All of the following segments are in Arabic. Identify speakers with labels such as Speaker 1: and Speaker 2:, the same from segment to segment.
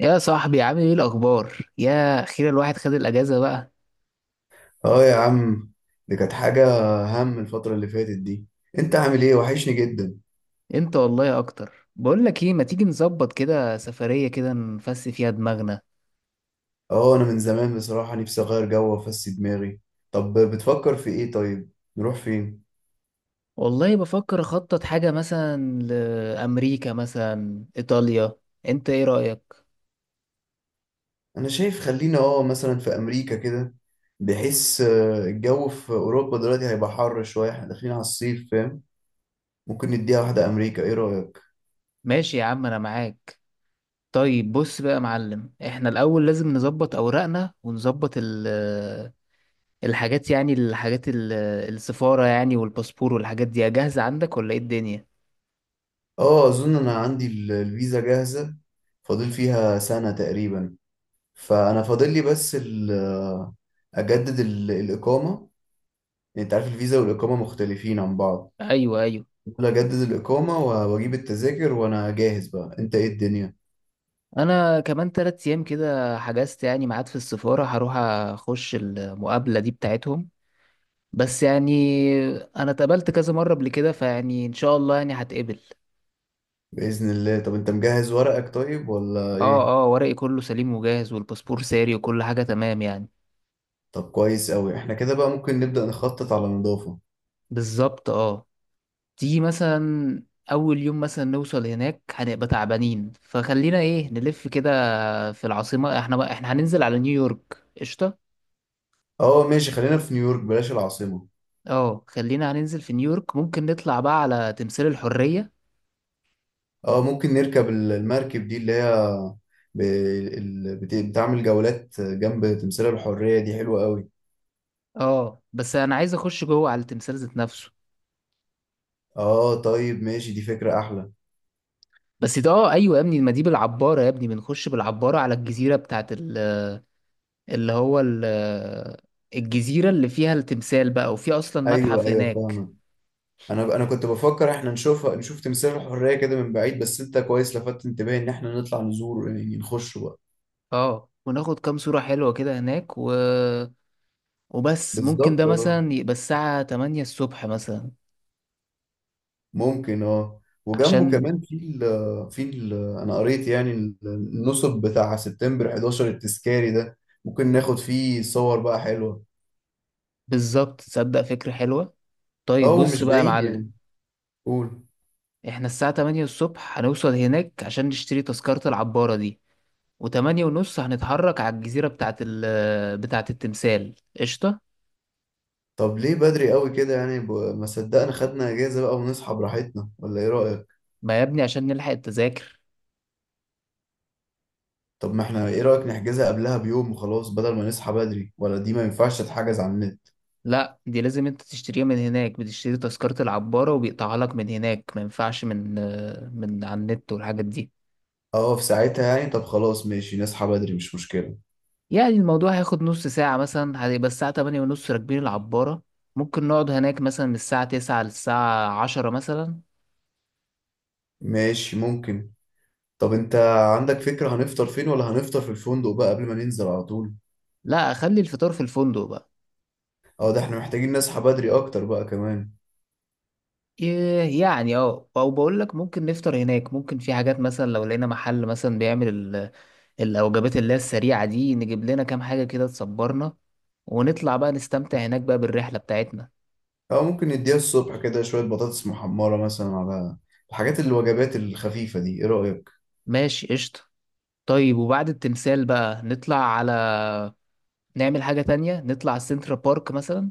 Speaker 1: يا صاحبي، عامل ايه الاخبار؟ يا اخيرا الواحد خد الاجازه بقى.
Speaker 2: اه يا عم، دي كانت حاجة. هم الفترة اللي فاتت دي. انت عامل ايه؟ وحشني جدا.
Speaker 1: انت والله اكتر. بقول لك ايه، ما تيجي نظبط كده سفريه كده نفس فيها دماغنا؟
Speaker 2: اه، انا من زمان بصراحة نفسي اغير جو وافسي دماغي. طب بتفكر في ايه طيب؟ نروح فين؟
Speaker 1: والله بفكر اخطط حاجه، مثلا لامريكا مثلا ايطاليا. انت ايه رايك؟
Speaker 2: انا شايف خلينا مثلا في امريكا كده، بحيث الجو في اوروبا دلوقتي هيبقى حر شوية، احنا داخلين على الصيف فاهم. ممكن نديها واحدة امريكا، ايه رأيك؟
Speaker 1: ماشي يا عم، انا معاك. طيب بص بقى يا معلم، احنا الاول لازم نظبط اوراقنا ونظبط ال آه، الحاجات، يعني الحاجات السفاره، يعني والباسبور والحاجات دي جاهزه عندك ولا ايه الدنيا؟
Speaker 2: اه، اظن انا عندي الفيزا جاهزة، فاضل فيها سنة تقريبا. فانا فاضل لي بس اجدد الاقامة. يعني انت عارف الفيزا والاقامه مختلفين عن بعض.
Speaker 1: ايوه، ايوه.
Speaker 2: ممكن اجدد الاقامه واجيب التذاكر وانا جاهز بقى، انت ايه الدنيا؟
Speaker 1: انا كمان 3 ايام كده حجزت يعني ميعاد في السفارة، هروح اخش المقابلة دي بتاعتهم. بس يعني انا اتقابلت كذا مرة قبل كده، فيعني ان شاء الله يعني هتقبل.
Speaker 2: باذن الله. طب انت مجهز ورقك طيب ولا
Speaker 1: اه،
Speaker 2: ايه؟
Speaker 1: اه، ورقي كله سليم وجاهز والباسبور ساري وكل حاجة تمام يعني.
Speaker 2: طب كويس قوي، احنا كده بقى ممكن نبدا نخطط على نظافه.
Speaker 1: بالظبط، اه. تيجي مثلا اول يوم مثلا نوصل هناك، هنبقى تعبانين، فخلينا ايه، نلف كده في العاصمة. احنا هننزل على نيويورك. قشطة.
Speaker 2: اه ماشي، خلينا في نيويورك بلاش العاصمه.
Speaker 1: اه، خلينا هننزل في نيويورك، ممكن نطلع بقى على تمثال الحرية.
Speaker 2: اه ممكن نركب المركب دي اللي هي بتعمل جولات جنب تمثال الحريه، دي حلوه قوي.
Speaker 1: اه، بس انا عايز اخش جوه على التمثال ذات نفسه.
Speaker 2: اه طيب ماشي، دي فكره احلى.
Speaker 1: بس ده، ايوه يا ابني، ما دي بالعباره يا ابني، بنخش بالعباره على الجزيره بتاعت اللي هو ال- الجزيره اللي فيها التمثال بقى، وفي اصلا
Speaker 2: ايوه
Speaker 1: متحف
Speaker 2: ايوه،
Speaker 1: هناك.
Speaker 2: فاهمك. انا كنت بفكر احنا نشوف تمثال الحريه كده من بعيد، بس انت كويس لفتت انتباهي ان احنا نطلع نزور، يعني نخش بقى.
Speaker 1: اه، وناخد كام صوره حلوه كده هناك، و... وبس ممكن ده
Speaker 2: بالظبط اه.
Speaker 1: مثلا يبقى الساعه 8 الصبح مثلا
Speaker 2: ممكن اه، وجنبه
Speaker 1: عشان.
Speaker 2: كمان في ال في ال انا قريت يعني النصب بتاع سبتمبر 11 التذكاري ده، ممكن ناخد فيه صور بقى حلوه.
Speaker 1: بالظبط، تصدق فكره حلوه.
Speaker 2: اه
Speaker 1: طيب بص
Speaker 2: ومش
Speaker 1: بقى يا
Speaker 2: بعيد
Speaker 1: معلم،
Speaker 2: يعني. قول.
Speaker 1: احنا الساعه 8 الصبح هنوصل هناك عشان نشتري تذكره العباره دي، وتمانية ونص هنتحرك على الجزيرة بتاعة التمثال. قشطة.
Speaker 2: طب ليه بدري قوي كده يعني، ما صدقنا خدنا اجازه بقى ونصحى براحتنا، ولا ايه رايك؟
Speaker 1: ما يا ابني عشان نلحق التذاكر.
Speaker 2: طب ما احنا، ايه رأيك نحجزها قبلها بيوم وخلاص، بدل ما نصحى بدري؟ ولا دي ما ينفعش تتحجز على النت؟
Speaker 1: لا، دي لازم انت تشتريها من هناك، بتشتري تذكرة العبارة وبيقطعها لك من هناك، ما ينفعش من على النت والحاجات دي.
Speaker 2: اه في ساعتها يعني. طب خلاص ماشي، نصحى بدري مش مشكلة.
Speaker 1: يعني الموضوع هياخد نص ساعة مثلا، هيبقى الساعة 8:30 راكبين العبارة. ممكن نقعد هناك مثلا من الساعة 9 للساعة عشرة مثلا.
Speaker 2: ماشي ممكن. طب انت عندك فكرة هنفطر فين، ولا هنفطر في الفندق بقى قبل ما ننزل على طول؟
Speaker 1: لا، أخلي الفطار في الفندق بقى.
Speaker 2: اه ده احنا محتاجين نصحى بدري اكتر بقى كمان.
Speaker 1: يعني او بقول لك ممكن نفطر هناك، ممكن في حاجات مثلا لو لقينا محل مثلا بيعمل الوجبات اللي هي السريعة دي، نجيب لنا كام حاجة كده تصبرنا ونطلع بقى نستمتع هناك بقى بالرحلة بتاعتنا.
Speaker 2: او ممكن نديها الصبح كده شوية بطاطس محمرة مثلا، على الحاجات الوجبات الخفيفة دي، ايه رأيك؟
Speaker 1: ماشي، قشطة. طيب وبعد التمثال بقى نطلع على نعمل حاجة تانية، نطلع السنترا بارك مثلا.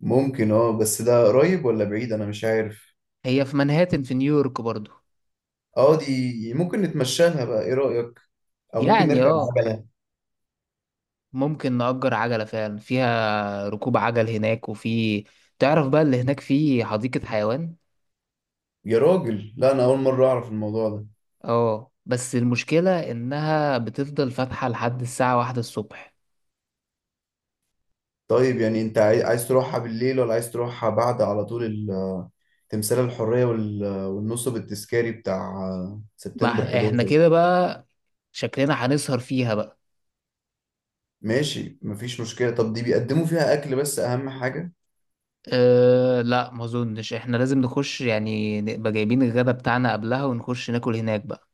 Speaker 2: ممكن اه، بس ده قريب ولا بعيد انا مش عارف.
Speaker 1: هي في منهاتن في نيويورك برضو.
Speaker 2: اه دي ممكن نتمشى لها بقى، ايه رأيك؟ او ممكن
Speaker 1: يعني
Speaker 2: نركب
Speaker 1: اه
Speaker 2: عجلة.
Speaker 1: ممكن نأجر عجلة فعلا، فيها ركوب عجل هناك، وفي، تعرف بقى، اللي هناك فيه حديقة حيوان.
Speaker 2: يا راجل لا، انا اول مرة اعرف الموضوع ده.
Speaker 1: اه، بس المشكلة انها بتفضل فاتحة لحد الساعة 1 الصبح.
Speaker 2: طيب يعني انت عايز تروحها بالليل، ولا عايز تروحها بعد على طول تمثال الحرية والنصب التذكاري بتاع
Speaker 1: ما
Speaker 2: سبتمبر
Speaker 1: احنا
Speaker 2: 11؟
Speaker 1: كده بقى شكلنا هنسهر فيها بقى.
Speaker 2: ماشي مفيش مشكلة. طب دي بيقدموا فيها أكل بس، أهم حاجة؟
Speaker 1: أه لا، ما اظنش، احنا لازم نخش يعني، نبقى جايبين الغدا بتاعنا قبلها ونخش ناكل هناك بقى.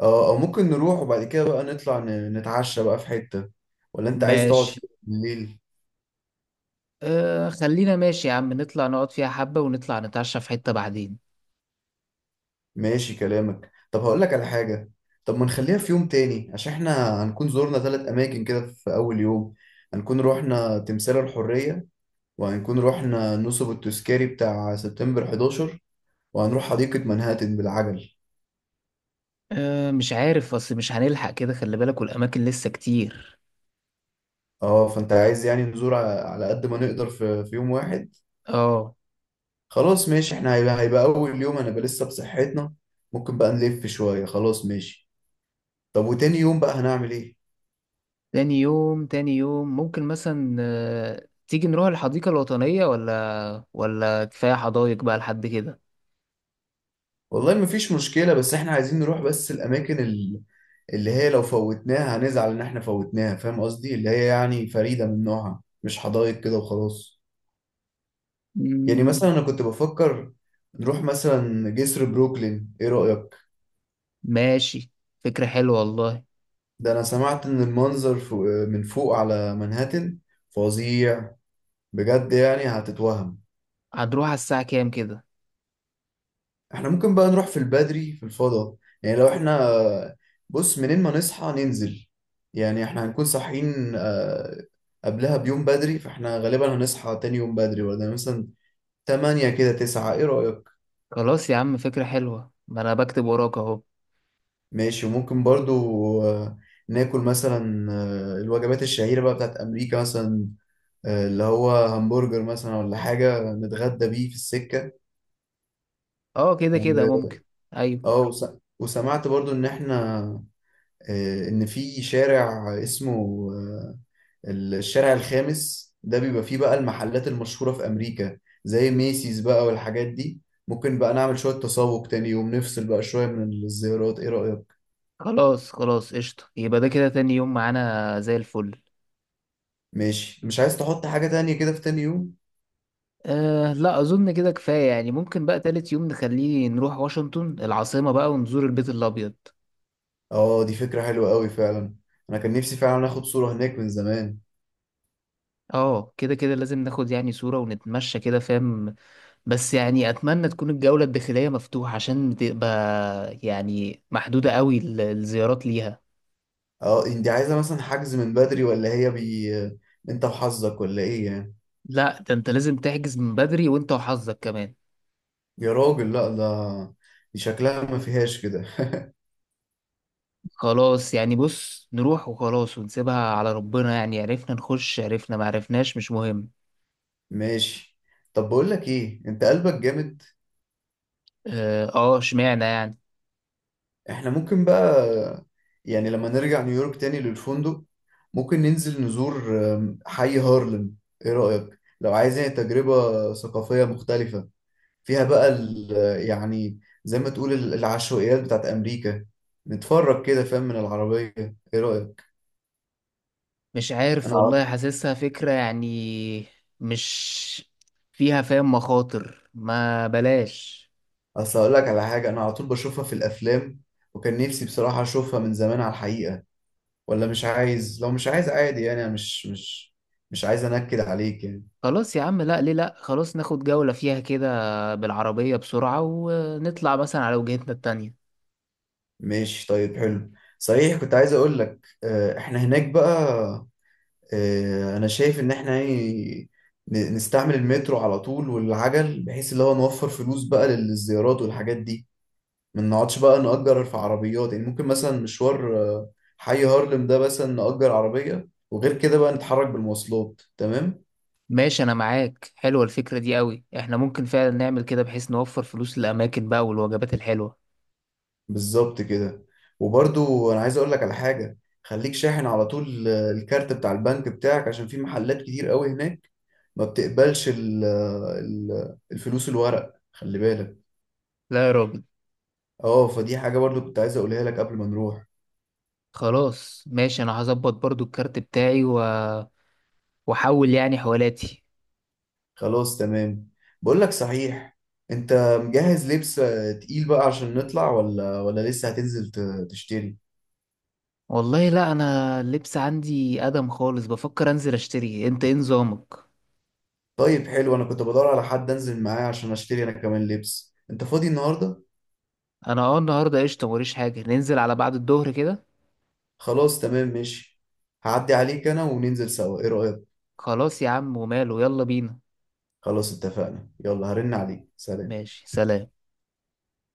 Speaker 2: اه أو ممكن نروح وبعد كده بقى نطلع نتعشى بقى في حتة، ولا انت عايز تقعد في
Speaker 1: ماشي.
Speaker 2: بالليل؟
Speaker 1: خلينا ماشي يا عم، نطلع نقعد فيها حبة ونطلع نتعشى في حتة بعدين.
Speaker 2: ماشي كلامك. طب هقول لك على حاجة. طب ما نخليها في يوم تاني، عشان احنا هنكون زورنا ثلاث أماكن كده في أول يوم. هنكون روحنا تمثال الحرية، وهنكون رحنا نصب التذكاري بتاع سبتمبر 11، وهنروح حديقة منهاتن بالعجل.
Speaker 1: أه، مش عارف، اصل مش هنلحق كده خلي بالك، والاماكن لسه كتير.
Speaker 2: اه فانت عايز يعني نزور على قد ما نقدر في يوم واحد.
Speaker 1: اه.
Speaker 2: خلاص ماشي، احنا هيبقى اول يوم هنبقى لسه بصحتنا، ممكن بقى نلف شوية. خلاص ماشي. طب وتاني يوم بقى هنعمل ايه؟
Speaker 1: تاني يوم، تاني يوم ممكن مثلا تيجي نروح الحديقة الوطنية، ولا كفاية حدايق بقى لحد كده.
Speaker 2: والله مفيش مشكلة، بس احنا عايزين نروح بس الاماكن اللي هي لو فوتناها هنزعل ان احنا فوتناها، فاهم قصدي، اللي هي يعني فريدة من نوعها، مش حدائق كده وخلاص. يعني
Speaker 1: مم.
Speaker 2: مثلا انا كنت بفكر نروح مثلا جسر بروكلين، ايه رأيك؟
Speaker 1: ماشي، فكرة حلوة والله.
Speaker 2: ده انا سمعت ان المنظر فوق، من فوق على منهاتن فظيع بجد، يعني هتتوهم.
Speaker 1: هنروح على الساعة كام كده؟
Speaker 2: احنا ممكن بقى نروح في البدري في الفضاء. يعني لو احنا، بص، منين ما نصحى ننزل. يعني احنا هنكون صاحيين قبلها بيوم بدري، فاحنا غالبا هنصحى تاني يوم بدري، ولا مثلا 8 كده 9، ايه رأيك؟
Speaker 1: خلاص يا عم، فكرة حلوة، ما أنا بكتب وراك أهو.
Speaker 2: ماشي. وممكن برضو آه، ناكل مثلا الوجبات الشهيرة بقى بتاعت أمريكا مثلا، اللي هو همبرجر مثلا ولا حاجة، نتغدى بيه في السكة.
Speaker 1: أه، كده كده
Speaker 2: و...
Speaker 1: ممكن. أيوة.
Speaker 2: اه وسمعت برضو إن إحنا إن في شارع اسمه آه، الشارع الخامس ده، بيبقى فيه بقى المحلات المشهورة في أمريكا، زي ميسيز بقى والحاجات دي. ممكن بقى نعمل شوية تسوق تاني يوم، نفصل بقى شوية من الزيارات، إيه رأيك؟
Speaker 1: خلاص خلاص، قشطة، يبقى ده كده تاني يوم معانا زي الفل.
Speaker 2: ماشي. مش عايز تحط حاجة تانية كده في تاني يوم؟
Speaker 1: أه لا، أظن كده كفاية يعني. ممكن بقى تالت يوم نخليه نروح واشنطن العاصمة بقى ونزور البيت الأبيض.
Speaker 2: اه دي فكرة حلوة قوي فعلا، انا كان نفسي فعلا اخد صورة هناك من زمان.
Speaker 1: اه، كده كده لازم ناخد يعني صورة ونتمشى كده، فاهم؟ بس يعني اتمنى تكون الجولة الداخلية مفتوحة، عشان تبقى يعني محدودة قوي الزيارات ليها.
Speaker 2: اه انت عايزة مثلا حجز من بدري، ولا هي بي، انت وحظك ولا ايه يعني؟
Speaker 1: لا ده انت لازم تحجز من بدري، وانت وحظك كمان.
Speaker 2: يا راجل لا، ده دي شكلها ما فيهاش كده.
Speaker 1: خلاص يعني، بص نروح وخلاص ونسيبها على ربنا، يعني عرفنا نخش عرفنا، ما عرفناش مش مهم.
Speaker 2: ماشي. طب بقول لك ايه، انت قلبك جامد.
Speaker 1: اه، اشمعنى يعني؟
Speaker 2: احنا ممكن بقى، يعني لما نرجع نيويورك تاني للفندق، ممكن ننزل نزور حي هارلم، ايه رأيك؟ لو عايز يعني تجربة ثقافية مختلفة، فيها بقى يعني زي ما تقول العشوائيات بتاعت أمريكا، نتفرج كده فاهم من العربية، إيه رأيك؟
Speaker 1: مش عارف
Speaker 2: أنا على-
Speaker 1: والله، حاسسها فكرة يعني، مش فيها فاهم مخاطر، ما بلاش.
Speaker 2: أصل أقول لك على حاجة، أنا على طول بشوفها في الأفلام، وكان نفسي بصراحة أشوفها من زمان على الحقيقة. ولا مش عايز؟ لو مش عايز عادي يعني، أنا مش عايز أنكد عليك يعني.
Speaker 1: خلاص يا عم، لا ليه، لا خلاص، ناخد جولة فيها كده بالعربية بسرعة ونطلع مثلا على وجهتنا التانية.
Speaker 2: ماشي طيب حلو. صحيح كنت عايز أقول لك إحنا هناك بقى، انا شايف ان احنا يعني نستعمل المترو على طول والعجل، بحيث اللي هو نوفر فلوس بقى للزيارات والحاجات دي، ما نقعدش بقى نأجر في عربيات. يعني ممكن مثلا مشوار حي هارلم ده مثلا نأجر عربية، وغير كده بقى نتحرك بالمواصلات تمام.
Speaker 1: ماشي أنا معاك، حلوة الفكرة دي قوي، إحنا ممكن فعلا نعمل كده بحيث نوفر فلوس للأماكن بقى والوجبات الحلوة.
Speaker 2: بالظبط كده. وبرضو انا عايز اقول لك على حاجة، خليك شاحن على طول الكارت بتاع البنك بتاعك، عشان في محلات كتير قوي هناك ما بتقبلش الفلوس الورق، خلي بالك.
Speaker 1: لا يا راجل.
Speaker 2: اه فدي حاجة برضو كنت عايز اقولها لك قبل ما نروح.
Speaker 1: خلاص ماشي، أنا هظبط برضو الكارت بتاعي و... وأحول يعني حوالاتي.
Speaker 2: خلاص تمام. بقول لك صحيح، انت مجهز لبس تقيل بقى عشان نطلع، ولا لسه هتنزل تشتري؟
Speaker 1: والله لا، أنا اللبس عندي أدم خالص، بفكر أنزل أشتري، أنت إيه نظامك؟
Speaker 2: طيب حلو، انا كنت بدور على حد انزل معاه عشان اشتري انا كمان لبس. انت فاضي النهاردة؟
Speaker 1: أنا أه، النهاردة قشطة، موريش حاجة، ننزل على بعد الظهر كده.
Speaker 2: خلاص تمام ماشي، هعدي عليك انا وننزل سوا، ايه رأيك؟
Speaker 1: خلاص يا عم وماله، يلا بينا.
Speaker 2: خلاص اتفقنا، يلا هرن عليك، سلام.
Speaker 1: ماشي، سلام.